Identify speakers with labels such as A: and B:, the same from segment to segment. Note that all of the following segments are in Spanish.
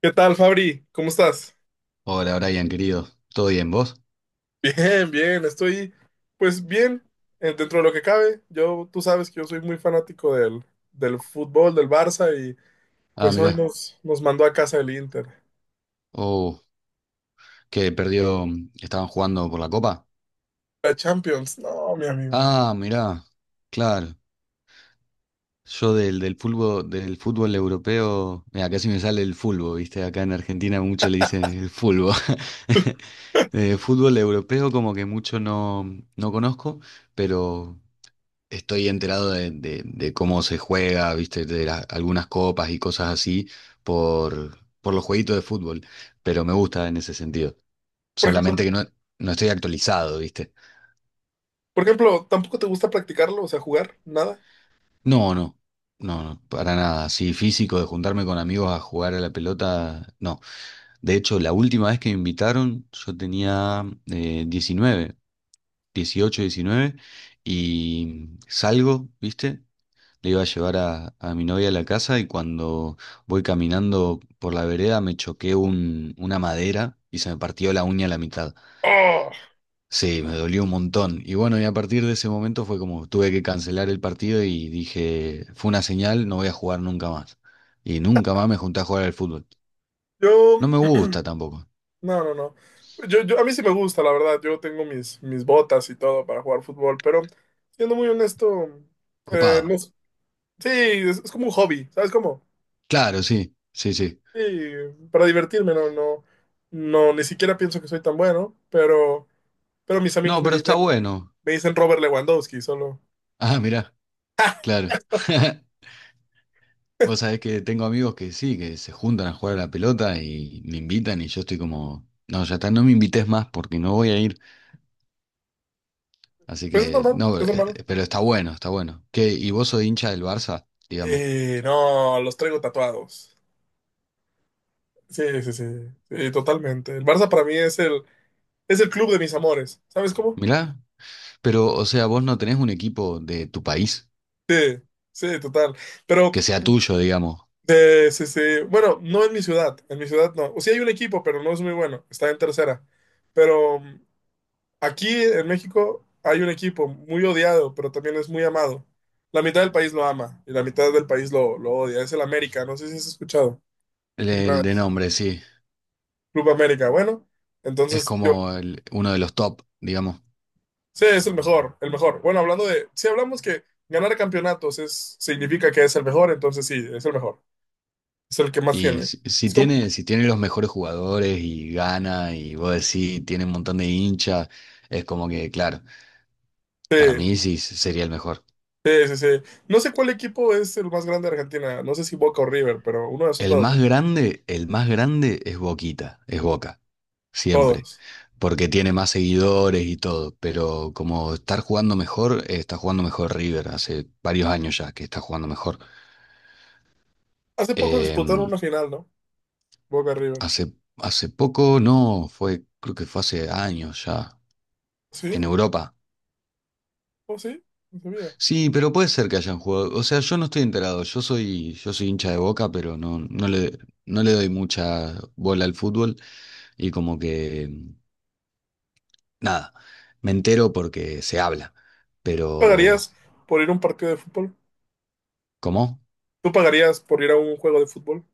A: ¿Qué tal, Fabri? ¿Cómo estás?
B: Hola Brian, querido. ¿Todo bien, vos?
A: Bien, bien, estoy pues bien dentro de lo que cabe. Yo, tú sabes que yo soy muy fanático del fútbol, del Barça y
B: Ah,
A: pues hoy
B: mirá.
A: nos mandó a casa el Inter.
B: Oh, que perdió. Estaban jugando por la copa.
A: La Champions, no, mi amigo.
B: Ah, mirá. Claro. Yo del fútbol, del fútbol europeo. Mira, casi me sale el fútbol, ¿viste? Acá en Argentina mucho le dicen el fútbol. Fútbol europeo, como que mucho no conozco, pero estoy enterado de cómo se juega, ¿viste? Algunas copas y cosas así por los jueguitos de fútbol. Pero me gusta en ese sentido.
A: Por ejemplo,
B: Solamente que no estoy actualizado, ¿viste?
A: por ejemplo, ¿tampoco te gusta practicarlo? O sea, jugar, nada.
B: No, no, no, no, para nada. Así físico de juntarme con amigos a jugar a la pelota, no. De hecho, la última vez que me invitaron, yo tenía 19, 18, 19, y salgo, ¿viste? Le iba a llevar a mi novia a la casa y cuando voy caminando por la vereda me choqué una madera y se me partió la uña a la mitad.
A: Oh,
B: Sí, me dolió un montón. Y bueno, y a partir de ese momento fue como tuve que cancelar el partido y dije, fue una señal, no voy a jugar nunca más. Y nunca más me junté a jugar al fútbol.
A: yo,
B: No me gusta tampoco.
A: no, no, no. Yo, a mí sí me gusta, la verdad. Yo tengo mis botas y todo para jugar fútbol, pero siendo muy honesto,
B: Copado.
A: no, sí, es como un hobby, ¿sabes cómo?
B: Claro, sí, sí, sí.
A: Sí, para divertirme, no, no, no, ni siquiera pienso que soy tan bueno, pero, mis amigos
B: No, pero está bueno.
A: me dicen, Robert Lewandowski, solo.
B: Ah, mirá, claro. Vos sabés que tengo amigos que sí, que se juntan a jugar a la pelota y me invitan y yo estoy como, no, ya está, no me invites más porque no voy a ir. Así
A: Pues es
B: que,
A: normal,
B: no,
A: es normal.
B: pero está bueno, está bueno. ¿Qué? ¿Y vos sos hincha del Barça, digamos?
A: No, los traigo tatuados. Sí, sí, sí, sí, totalmente. El Barça para mí es el club de mis amores, ¿sabes cómo?
B: Mirá, pero o sea, vos no tenés un equipo de tu país
A: Sí, sí, total. Pero,
B: que sea tuyo, digamos.
A: sí, sí, bueno, no en mi ciudad, en mi ciudad no. O sea, hay un equipo, pero no es muy bueno, está en tercera. Pero aquí en México hay un equipo muy odiado, pero también es muy amado. La mitad del país lo ama y la mitad del país lo odia. Es el América, no sé si has escuchado.
B: El
A: Una
B: de
A: vez.
B: nombre, sí.
A: Club América, bueno.
B: Es
A: Entonces
B: como uno de los top, digamos.
A: sí, es el mejor, el mejor. Bueno, si hablamos que ganar campeonatos significa que es el mejor, entonces sí, es el mejor. Es el que más
B: Y
A: tiene.
B: si, si
A: Es como,
B: tiene, si tiene los mejores jugadores y gana y vos decís, tiene un montón de hinchas, es como que, claro, para mí
A: sí,
B: sí sería el mejor.
A: sí, sí, sí. No sé cuál equipo es el más grande de Argentina, no sé si Boca o River, pero uno de esos dos, ¿no?
B: El más grande es Boquita, es Boca, siempre,
A: Todos.
B: porque tiene más seguidores y todo, pero como estar jugando mejor, está jugando mejor River, hace varios años ya que está jugando mejor.
A: Hace poco disputaron
B: Em,
A: una final, ¿no? Boca River.
B: hace, hace poco, no, fue, creo que fue hace años ya,
A: Sí,
B: en Europa.
A: o sí, no sabía.
B: Sí, pero puede ser que hayan jugado, o sea, yo no estoy enterado, yo soy hincha de Boca, pero no le doy mucha bola al fútbol y como que, nada, me entero porque se habla, pero
A: ¿Pagarías por ir a un partido de fútbol?
B: ¿cómo?
A: ¿Tú pagarías por ir a un juego de fútbol?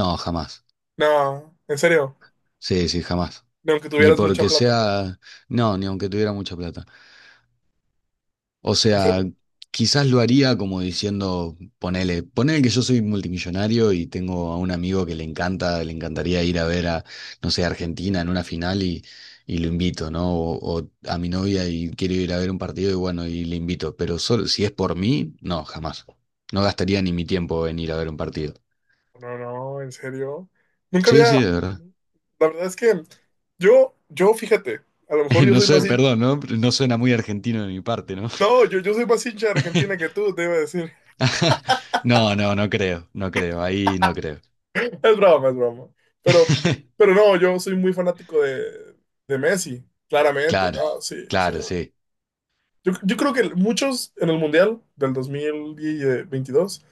B: No, jamás.
A: No, en serio,
B: Sí, sí, jamás.
A: ni aunque
B: Ni
A: tuvieras mucha
B: porque
A: plata.
B: sea, no, ni aunque tuviera mucha plata. O
A: En
B: sea,
A: serio.
B: quizás lo haría como diciendo, ponele que yo soy multimillonario y tengo a un amigo que le encanta, le encantaría ir a ver a, no sé, Argentina en una final y lo invito, ¿no? O a mi novia y quiero ir a ver un partido y bueno, y le invito. Pero solo, si es por mí, no, jamás. No gastaría ni mi tiempo en ir a ver un partido.
A: No, no, en serio. Nunca
B: Sí,
A: había.
B: sí, de verdad.
A: La verdad es que yo, fíjate, a lo mejor yo
B: No
A: soy
B: sé,
A: más.
B: perdón, ¿no? No suena muy argentino de mi parte, ¿no?
A: No, yo soy más hincha de Argentina que tú, te iba a decir.
B: No, no, no creo, no creo, ahí no creo.
A: Es broma, es broma. Pero, pero, no, yo soy muy fanático de Messi, claramente.
B: Claro,
A: No, sí, sí.
B: claro, sí.
A: Yo creo que muchos en el Mundial del 2022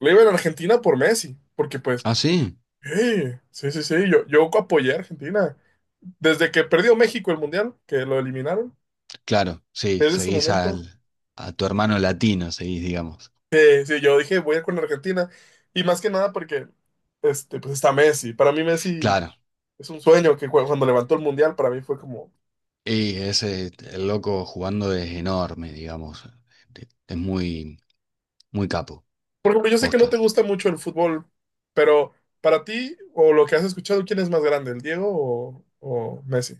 A: le iban a Argentina por Messi, porque pues,
B: Ah, sí,
A: hey, sí, sí, sí, yo apoyé a Argentina. Desde que perdió México el Mundial, que lo eliminaron,
B: claro, sí,
A: desde ese
B: seguís
A: momento,
B: al, a tu hermano latino, seguís, digamos.
A: sí, yo dije, voy a ir con Argentina. Y más que nada porque, pues está Messi. Para mí Messi
B: Claro,
A: es un sueño que cuando levantó el Mundial, para mí fue como,
B: y ese, el loco jugando es enorme, digamos. Es muy, muy capo,
A: por ejemplo, yo sé que no te
B: posta.
A: gusta mucho el fútbol, pero para ti, o lo que has escuchado, ¿quién es más grande, el Diego o Messi?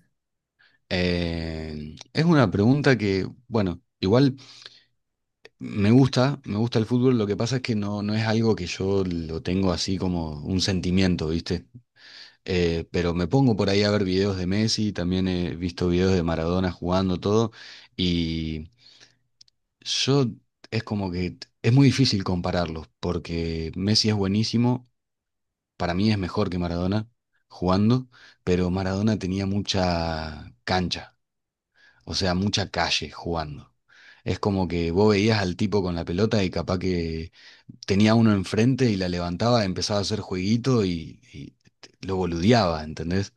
B: Es una pregunta que, bueno, igual. Me gusta el fútbol, lo que pasa es que no es algo que yo lo tengo así como un sentimiento, ¿viste? Pero me pongo por ahí a ver videos de Messi, también he visto videos de Maradona jugando todo, y yo es como que es muy difícil compararlos, porque Messi es buenísimo, para mí es mejor que Maradona jugando, pero Maradona tenía mucha cancha, o sea, mucha calle jugando. Es como que vos veías al tipo con la pelota y capaz que tenía uno enfrente y la levantaba, empezaba a hacer jueguito y lo boludeaba, ¿entendés?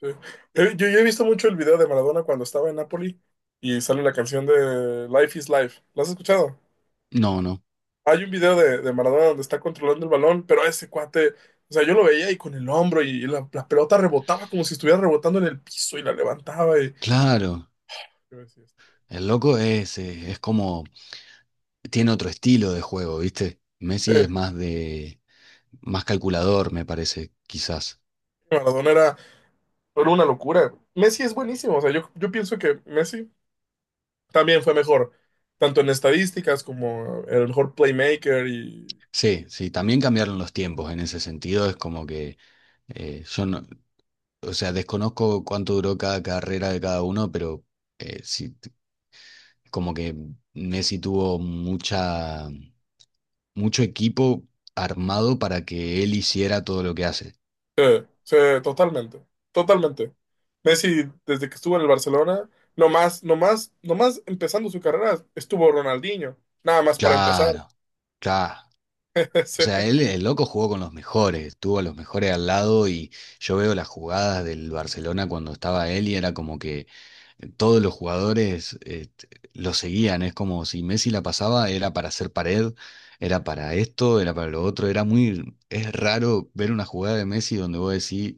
A: Sí. Yo he visto mucho el video de Maradona cuando estaba en Napoli y sale la canción de Life is Life. ¿Lo has escuchado?
B: No, no.
A: Hay un video de Maradona donde está controlando el balón, pero ese cuate, o sea, yo lo veía y con el hombro y la pelota rebotaba como si estuviera rebotando en el piso y la levantaba y...
B: Claro,
A: yo decía,
B: el loco es como, tiene otro estilo de juego, ¿viste? Messi
A: eh,
B: es más de, más calculador, me parece, quizás.
A: Maradona era una locura. Messi es buenísimo, o sea, yo pienso que Messi también fue mejor, tanto en estadísticas como el mejor playmaker y...
B: Sí, sí, también cambiaron los tiempos en ese sentido, es como que yo no, o sea, desconozco cuánto duró cada carrera de cada uno, pero sí, como que Messi tuvo mucha mucho equipo armado para que él hiciera todo lo que hace.
A: Sí, sí, totalmente, totalmente. Messi, desde que estuvo en el Barcelona, nomás empezando su carrera, estuvo Ronaldinho, nada más para empezar.
B: Claro, claro. O
A: Sí,
B: sea, el loco jugó con los mejores, tuvo a los mejores al lado y yo veo las jugadas del Barcelona cuando estaba él y era como que todos los jugadores lo seguían. Es como si Messi la pasaba, era para hacer pared, era para esto, era para lo otro. Es raro ver una jugada de Messi donde vos decís,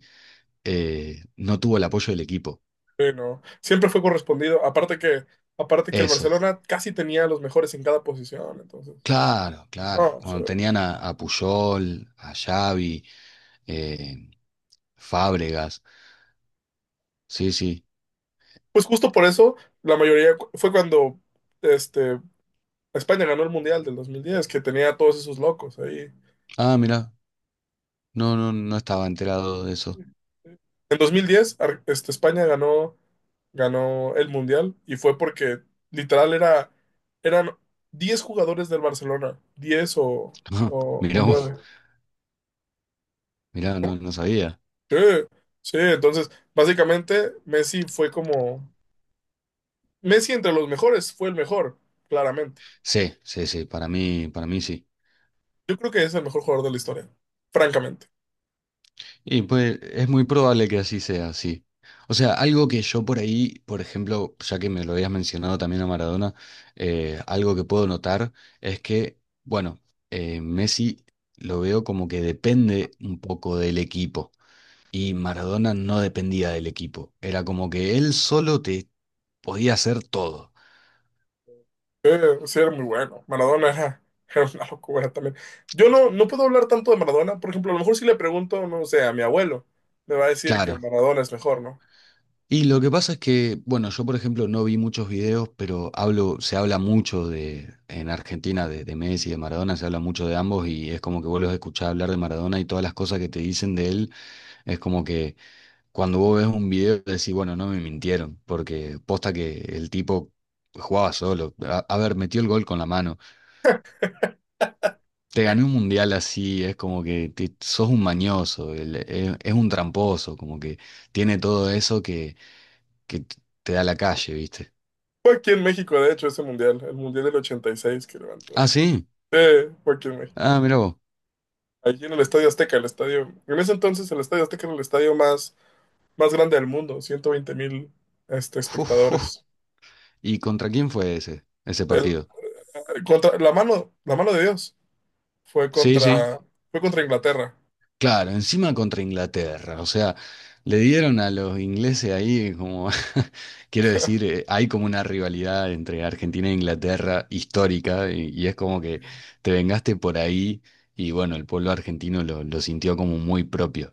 B: no tuvo el apoyo del equipo.
A: sí, no, siempre fue correspondido, aparte que, el
B: Eso,
A: Barcelona casi tenía a los mejores en cada posición, entonces...
B: claro, claro.
A: ah, sí.
B: Cuando tenían a Puyol, a Xavi, eh, Fábregas. Sí, sí.
A: Pues justo por eso, la mayoría fue cuando este, España ganó el Mundial del 2010 que tenía a todos esos locos ahí.
B: Ah, mirá. No, no estaba enterado de eso.
A: En 2010, España ganó, el Mundial y fue porque literal eran 10 jugadores del Barcelona, 10 o
B: Mirá, vos,
A: 9.
B: mirá, no sabía.
A: Sí, sí, entonces básicamente Messi fue como... Messi entre los mejores fue el mejor, claramente.
B: Sí, sí, sí, para mí sí.
A: Yo creo que es el mejor jugador de la historia, francamente.
B: Y pues es muy probable que así sea, sí. O sea, algo que yo por ahí, por ejemplo, ya que me lo habías mencionado también a Maradona, algo que puedo notar es que, bueno, Messi lo veo como que depende un poco del equipo. Y Maradona no dependía del equipo. Era como que él solo te podía hacer todo.
A: Sí, sí, era muy bueno. Maradona era, era una locura también. Yo no puedo hablar tanto de Maradona. Por ejemplo, a lo mejor si le pregunto, no sé, a mi abuelo, me va a decir que
B: Claro.
A: Maradona es mejor, ¿no?
B: Y lo que pasa es que, bueno, yo por ejemplo no vi muchos videos, pero se habla mucho en Argentina de Messi, de Maradona, se habla mucho de ambos y es como que vos los escuchás hablar de Maradona y todas las cosas que te dicen de él, es como que cuando vos ves un video decís, bueno, no me mintieron, porque posta que el tipo jugaba solo. A ver, metió el gol con la mano. Te gané un mundial así, es como que sos un mañoso, es un tramposo, como que tiene todo eso que te da la calle, ¿viste?
A: Fue aquí en México, de hecho, ese mundial, el mundial del 86 que levantó la
B: Ah,
A: gente.
B: sí,
A: Sí, fue aquí en México.
B: ah, mirá vos.
A: Allí en el Estadio Azteca, el estadio. En ese entonces, el Estadio Azteca era el estadio más grande del mundo, 120 mil
B: Uf, uf.
A: espectadores.
B: ¿Y contra quién fue ese
A: El,
B: partido?
A: la mano de Dios fue
B: Sí, sí.
A: contra, Inglaterra.
B: Claro, encima contra Inglaterra, o sea, le dieron a los ingleses ahí como, quiero decir, hay como una rivalidad entre Argentina e Inglaterra histórica y es como que te vengaste por ahí y bueno, el pueblo argentino lo sintió como muy propio.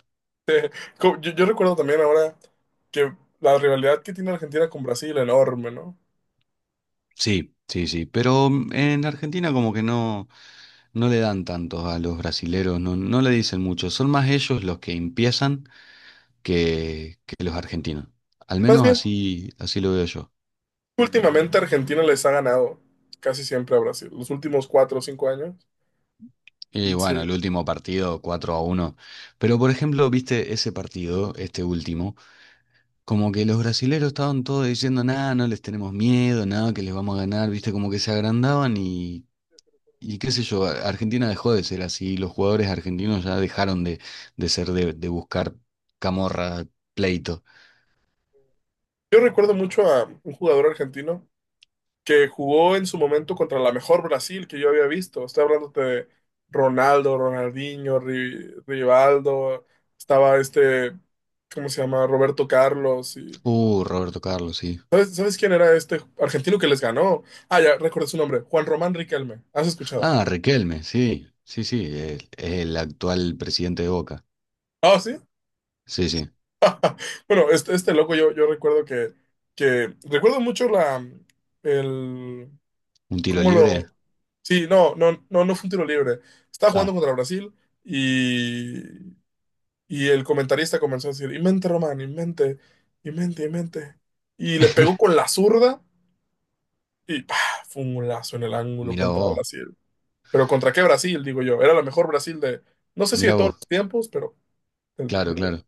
A: Yo recuerdo también ahora que la rivalidad que tiene Argentina con Brasil, enorme, ¿no?
B: Sí, sí, sí, pero en Argentina como que no, no, le dan tanto a los brasileros, no le dicen mucho, son más ellos los que empiezan que los argentinos, al
A: Más
B: menos
A: bien,
B: así, así lo veo yo.
A: últimamente Argentina les ha ganado casi siempre a Brasil, los últimos 4 o 5 años.
B: Y bueno,
A: Sí.
B: el último partido 4-1. Pero por ejemplo, viste ese partido, este último, como que los brasileros estaban todos diciendo, nada, no les tenemos miedo, nada, que les vamos a ganar, viste, como que se agrandaban y qué sé yo, Argentina dejó de ser así, los jugadores argentinos ya dejaron de ser de buscar camorra, pleito.
A: Yo recuerdo mucho a un jugador argentino que jugó en su momento contra la mejor Brasil que yo había visto. Estoy hablando de Ronaldo, Ronaldinho, Rivaldo, estaba ¿cómo se llama? Roberto Carlos. Y
B: Roberto Carlos, sí.
A: ¿sabes quién era este argentino que les ganó? Ah, ya, recuerdo su nombre. Juan Román Riquelme. ¿Has escuchado?
B: Ah, Riquelme, sí, sí, sí, el actual presidente de Boca.
A: Ah, sí.
B: Sí, sí.
A: Bueno, este loco yo recuerdo que, Recuerdo mucho la... El...
B: ¿Un tiro
A: ¿Cómo
B: libre?
A: lo...? Sí, no, no, no, no fue un tiro libre. Estaba
B: Ah,
A: jugando contra Brasil y... Y el comentarista comenzó a decir, invente, Román, invente, invente, invente. Y le pegó con la zurda y ¡pah! Fue un lazo en el ángulo
B: mira
A: contra
B: vos.
A: Brasil. Pero ¿contra qué Brasil, digo yo? Era la mejor Brasil de, no sé si de
B: Mirá
A: todos los
B: vos,
A: tiempos, pero de,
B: claro,
A: de
B: claro.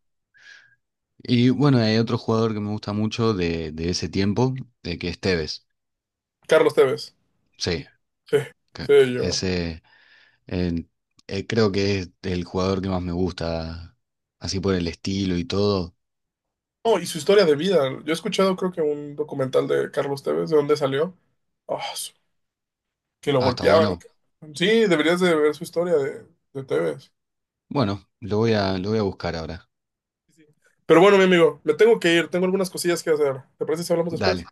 B: Y bueno, hay otro jugador que me gusta mucho de ese tiempo, de que es Tevez.
A: Carlos Tevez.
B: Sí,
A: Sí,
B: que-
A: sí, yo.
B: ese eh, creo que es el jugador que más me gusta, así por el estilo y todo.
A: No, y su historia de vida. Yo he escuchado, creo que un documental de Carlos Tevez, de dónde salió. Ah, que lo
B: Ah, está
A: golpeaban. ¿O
B: bueno.
A: qué? Sí, deberías de ver su historia de Tevez.
B: Bueno, lo voy a buscar ahora.
A: Sí, sí. Pero bueno, mi amigo, me tengo que ir. Tengo algunas cosillas que hacer. ¿Te parece si hablamos después?
B: Dale,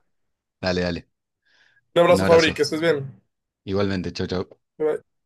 B: dale, dale.
A: Un
B: Un
A: abrazo, Fabri, que
B: abrazo.
A: estés bien.
B: Igualmente, chau, chau.
A: Bye, bye.